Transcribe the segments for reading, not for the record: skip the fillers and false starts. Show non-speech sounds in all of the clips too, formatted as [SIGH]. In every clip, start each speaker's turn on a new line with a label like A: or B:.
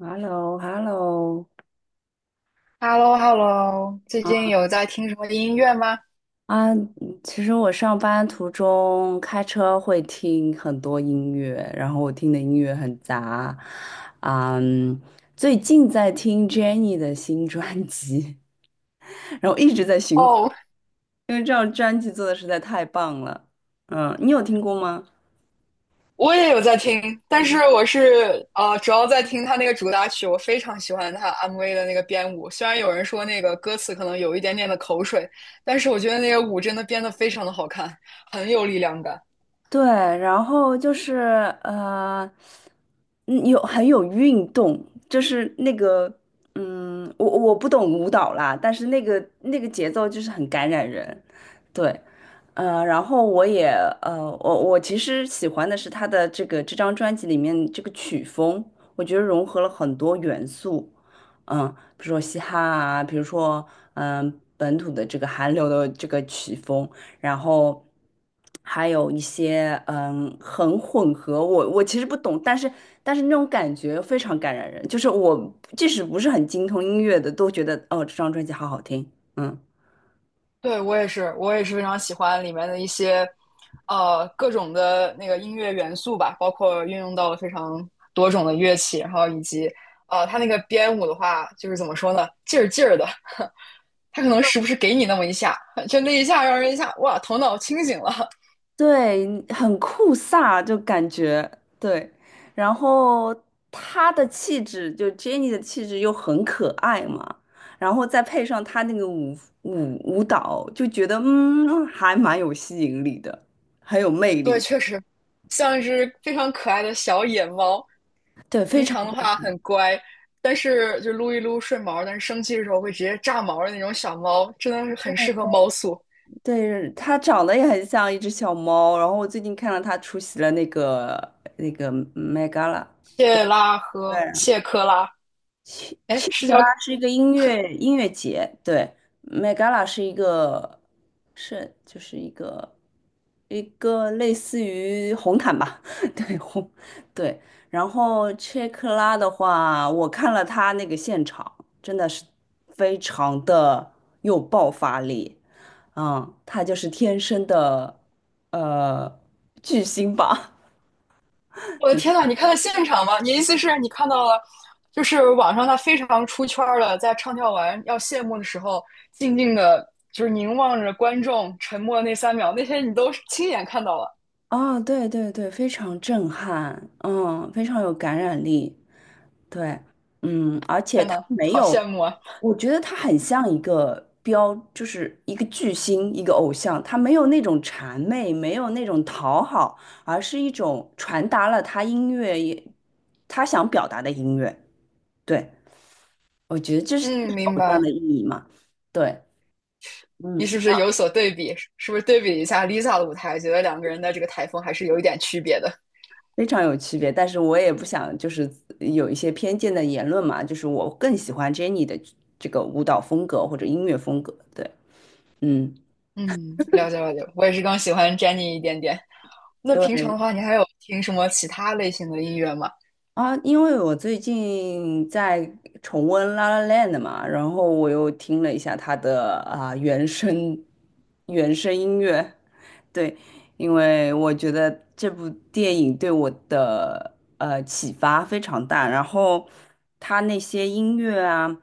A: h e l l o h e l l o
B: Hello hello 最近有在听什么音乐吗？
A: 啊，嗯，其实我上班途中开车会听很多音乐，然后我听的音乐很杂。啊，嗯，最近在听 Jennie 的新专辑，[LAUGHS] 然后一直在循环，
B: 哦，
A: 因为这张专辑做的实在太棒了。嗯，你有听过吗？
B: 我也有在听，但是我是主要在听他那个主打曲，我非常喜欢他 MV 的那个编舞。虽然有人说那个歌词可能有一点点的口水，但是我觉得那个舞真的编得非常的好看，很有力量感。
A: 对，然后就是，呃，嗯有很有运动，就是那个，我不懂舞蹈啦，但是那个节奏就是很感染人。对，然后我也，我其实喜欢的是他的这个这张专辑里面这个曲风，我觉得融合了很多元素。嗯，比如说嘻哈啊，比如说嗯、本土的这个韩流的这个曲风。然后还有一些很混合，我其实不懂，但是那种感觉非常感染人，就是我即使不是很精通音乐的，都觉得哦这张专辑好好听。嗯，
B: 对，我也是，我也是非常喜欢里面的一些各种的那个音乐元素吧，包括运用到了非常多种的乐器，然后以及他那个编舞的话，就是怎么说呢，劲儿劲儿的。它可能时不时给你那么一下，就那一下让人一下哇，头脑清醒了。
A: 对，很酷飒，就感觉。对，然后她的气质，就 Jennie 的气质又很可爱嘛。然后再配上她那个舞蹈，就觉得还蛮有吸引力的，很有魅
B: 对，
A: 力。
B: 确实像一只非常可爱的小野猫，
A: 对，非
B: 平
A: 常。
B: 常的话很乖，但是就撸一撸顺毛，但是生气的时候会直接炸毛的那种小猫，真的是很适合猫宿。
A: 对，它长得也很像一只小猫，然后我最近看到它出席了那个 Met Gala，
B: 谢拉和谢克拉，
A: 切
B: 哎，
A: 切
B: 是
A: 克
B: 叫
A: 拉是一个音乐节，对， m e 拉，是一个，是就是一个类似于红毯吧，[LAUGHS] 对红对。然后切克拉的话，我看了他那个现场，真的是非常的有爆发力。嗯，他就是天生的呃巨星吧。
B: 我的天
A: [LAUGHS]
B: 呐，你看到现场吗？你意思是你看到了，就是网上他非常出圈儿的，在唱跳完要谢幕的时候，静静的，就是凝望着观众，沉默那三秒，那些你都亲眼看到了。
A: 哦，对对对，非常震撼，非常有感染力。对，嗯，而
B: 天呐，
A: 没
B: 好
A: 有，
B: 羡慕啊！
A: 我觉得他很像一个标，就是一个巨星，一个偶像，他没有那种谄媚，没有那种讨好，而是一种传达了他音乐也，他想表达的音乐。对，我觉得这是
B: 嗯，
A: 这是
B: 明
A: 偶像的
B: 白。
A: 意义嘛。对，
B: 你
A: 嗯。
B: 是不是有所对比？是不是对比一下 Lisa 的舞台，觉得两个人的这个台风还是有一点区别的？
A: 非常有区别，但是我也不想就是有一些偏见的言论嘛，就是我更喜欢 Jennie 的这个舞蹈风格或者音乐风格。对，嗯。
B: 嗯，了解了解。我也是更喜欢 Jennie 一点点。那平常
A: 对，
B: 的话，你还有听什么其他类型的音乐吗？
A: 啊，因为我最近在重温《La La Land》嘛，然后我又听了一下它的原声音乐。对，因为我觉得这部电影对我的启发非常大，然后它那些音乐啊，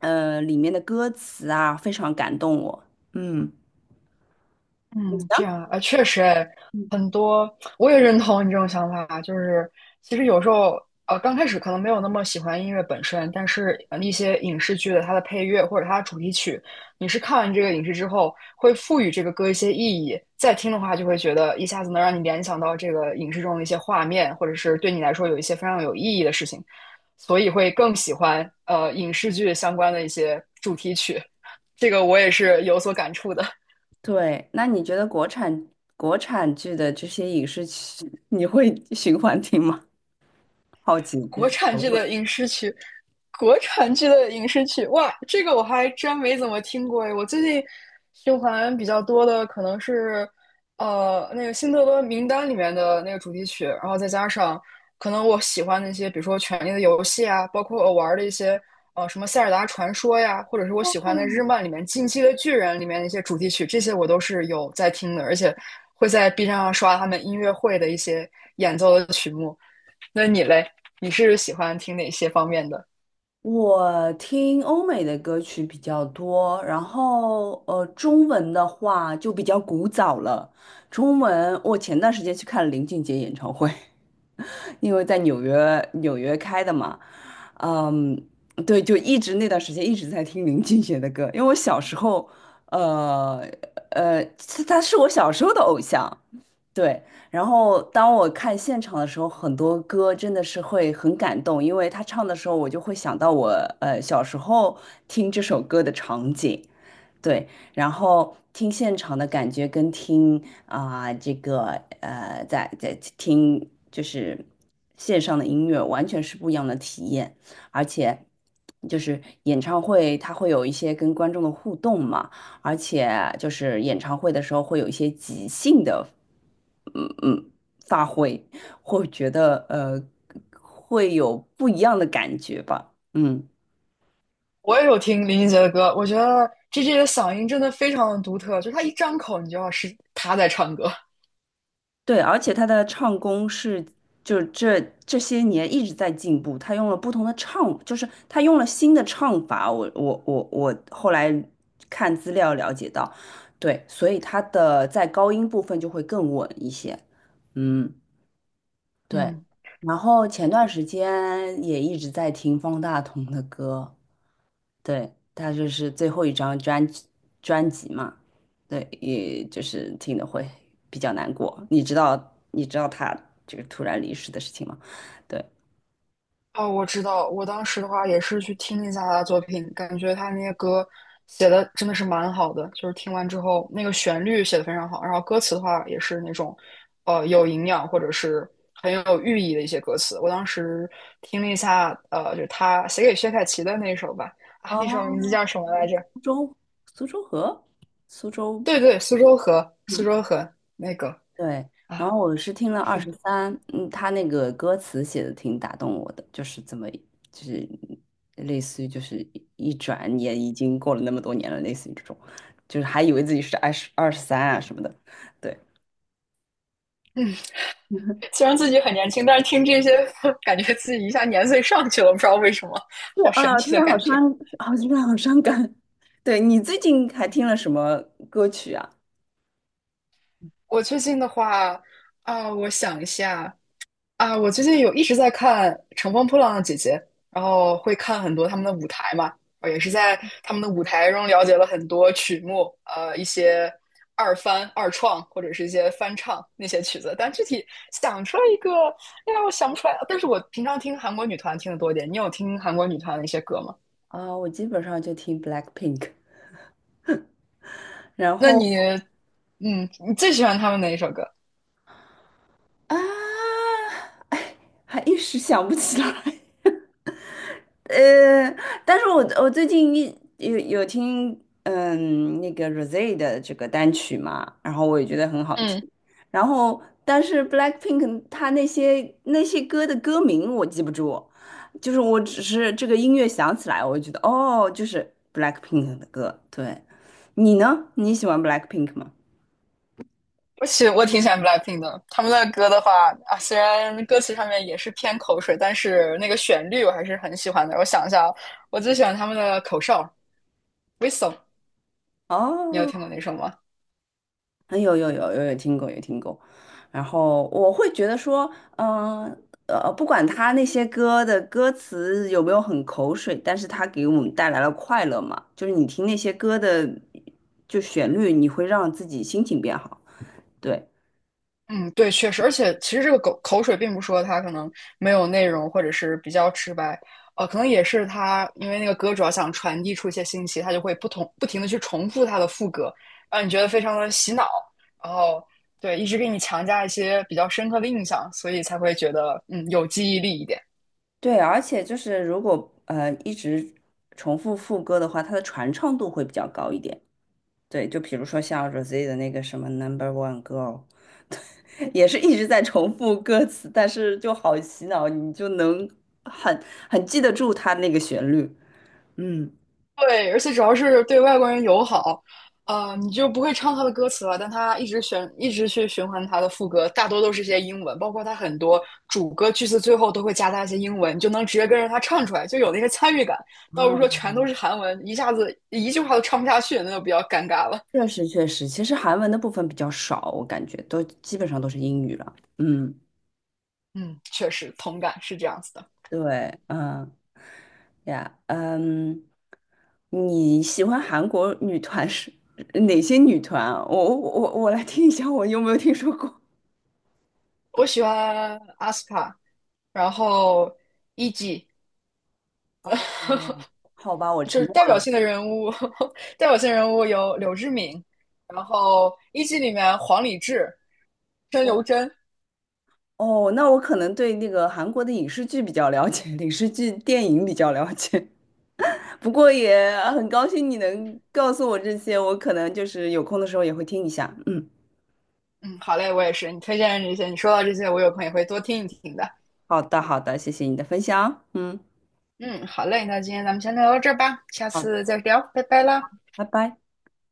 A: 里面的歌词啊，非常感动我。嗯，你
B: 嗯，
A: 呢？
B: 这样啊，确实哎，很多我也认同你这种想法，就是其实有时候刚开始可能没有那么喜欢音乐本身，但是一些影视剧的它的配乐或者它的主题曲，你是看完这个影视之后，会赋予这个歌一些意义，再听的话就会觉得一下子能让你联想到这个影视中的一些画面，或者是对你来说有一些非常有意义的事情，所以会更喜欢影视剧相关的一些主题曲，这个我也是有所感触的。
A: 对，那你觉得国产剧的这些影视剧，你会循环听吗？好奇，就
B: 国
A: 是
B: 产剧的影视剧，国产剧的影视剧，哇，这个我还真没怎么听过诶。我最近循环比较多的可能是，那个《辛德勒名单》里面的那个主题曲，然后再加上可能我喜欢的一些，比如说《权力的游戏》啊，包括我玩的一些，什么《塞尔达传说》呀，或者是我喜欢的日漫里面《进击的巨人》里面的一些主题曲，这些我都是有在听的，而且会在 B 站上刷他们音乐会的一些演奏的曲目。那你嘞？你是喜欢听哪些方面的？
A: 我听欧美的歌曲比较多，然后中文的话就比较古早了。中文我前段时间去看了林俊杰演唱会，[LAUGHS] 因为在纽约开的嘛。嗯，对，就一直那段时间一直在听林俊杰的歌。因为我小时候，呃他是我小时候的偶像。对，然后当我看现场的时候，很多歌真的是会很感动，因为他唱的时候，我就会想到我，小时候听这首歌的场景。对，然后听现场的感觉跟听，这个，在听就是线上的音乐完全是不一样的体验。而且就是演唱会它会有一些跟观众的互动嘛，而且就是演唱会的时候会有一些即兴的，嗯嗯，发挥，会觉得会有不一样的感觉吧。嗯。
B: 我也有听林俊杰的歌，我觉得 GJ 的嗓音真的非常的独特，就是他一张口，你就要是他在唱歌。
A: 对，而且他的唱功是，就是这些年一直在进步。他用了不同的唱，就是他用了新的唱法。我后来看资料了解到，对，所以他的在高音部分就会更稳一些。嗯，对。
B: 嗯，
A: 然后前段时间也一直在听方大同的歌。对，他就是最后一张专辑嘛。对，也就是听的会比较难过。你知道他这个突然离世的事情吗？对，
B: 哦，我知道，我当时的话也是去听一下他的作品，感觉他那些歌写的真的是蛮好的，就是听完之后那个旋律写的非常好，然后歌词的话也是那种有营养或者是很有寓意的一些歌词。我当时听了一下，就是他写给薛凯琪的那首吧，啊，
A: 哦，
B: 那首名字叫什么来着？
A: 苏州，苏州河，苏州，
B: 对对，苏州河，苏
A: 嗯。
B: 州河那个
A: 对，然
B: 啊，
A: 后我是听了二
B: 是，
A: 十三。嗯，他那个歌词写的挺打动我的，就是怎么，就是类似于就是一转眼已经过了那么多年了，类似于这种，就是还以为自己是二十二十三啊什么的。对，
B: 虽然自己很年轻，但是听这些，[LAUGHS] 感觉自己一下年岁上去了，不知道为什么，
A: 对
B: 好神
A: 啊，
B: 奇
A: 突
B: 的
A: 然好
B: 感觉。
A: 伤，好突然好伤感。[LAUGHS] 对，你最近还听了什么歌曲啊？
B: 我最近的话啊，我想一下，啊，我最近有一直在看《乘风破浪的姐姐》，然后会看很多他们的舞台嘛，也是在他们的舞台中了解了很多曲目，一些二翻、二创或者是一些翻唱那些曲子，但具体想出来一个，哎呀，我想不出来。但是我平常听韩国女团听得多一点，你有听韩国女团的一些歌吗？
A: 啊，我基本上就听 Blackpink。然
B: 那
A: 后
B: 你，嗯，你最喜欢他们哪一首歌？
A: 啊，哎，还一时想不起来。[LAUGHS] 呃，但是我最近，有听那个 Rosé 的这个单曲嘛，然后我也觉得很好听。
B: 嗯。
A: 然后，但是 Blackpink 他那些歌的歌名我记不住，就是我只是这个音乐响起来，我就觉得哦，就是 Blackpink 的歌。对，你呢？你喜欢 Blackpink 吗？
B: 我挺喜欢 BLACKPINK 的，他们的歌的话啊，虽然歌词上面也是偏口水，但是那个旋律我还是很喜欢的。我想一下啊，我最喜欢他们的口哨，Whistle 你有听过
A: 哦，
B: 那首吗？
A: 啊，有有有有有听过，有听过。然后我会觉得说，嗯不管他那些歌的歌词有没有很口水，但是他给我们带来了快乐嘛，就是你听那些歌的就旋律，你会让自己心情变好。对。
B: 嗯，对，确实，而且其实这个口水并不说它可能没有内容，或者是比较直白，可能也是它因为那个歌主要想传递出一些信息，它就会不停的去重复它的副歌，让你觉得非常的洗脑，然后对，一直给你强加一些比较深刻的印象，所以才会觉得嗯有记忆力一点。
A: 对，而且就是如果一直重复副歌的话，它的传唱度会比较高一点。对，就比如说像 Rosé 的那个什么 Number One Girl。也是一直在重复歌词，但是就好洗脑，你就能很很记得住它那个旋律。嗯，
B: 对，而且主要是对外国人友好，你就不会唱他的歌词了，但他一直选，一直去循环他的副歌，大多都是一些英文，包括他很多主歌句子最后都会夹杂一些英文，你就能直接跟着他唱出来，就有那个参与感，倒不是说
A: 啊，
B: 全都是韩文，一下子一句话都唱不下去，那就比较尴尬了。
A: 确实确实，其实韩文的部分比较少，我感觉都基本上都是英语了。嗯，
B: 嗯，确实同感是这样子的。
A: 对，嗯呀，嗯，你喜欢韩国女团是哪些女团啊，我来听一下，我有没有听说过？
B: 我喜欢 aespa，然后 e.g。
A: 哦，好吧，我
B: 就
A: 沉
B: 是
A: 默
B: 代表
A: 了。
B: 性的人物，[LAUGHS] 代表性人物有柳智敏，然后一季里面黄礼志、申刘真。
A: 哦，那我可能对那个韩国的影视剧比较了解，[LAUGHS] 影视剧、电影比较了解。[LAUGHS] 不过也啊很高兴你能告诉我这些，我可能就是有空的时候也会听一下。嗯，
B: 嗯，好嘞，我也是。你推荐的这些，你说到这些，我有空也会多听一听的。
A: 好的，好的，谢谢你的分享。嗯，
B: 嗯，好嘞，那今天咱们先聊到这儿吧，下
A: 好，
B: 次再聊，拜拜啦。
A: 拜拜。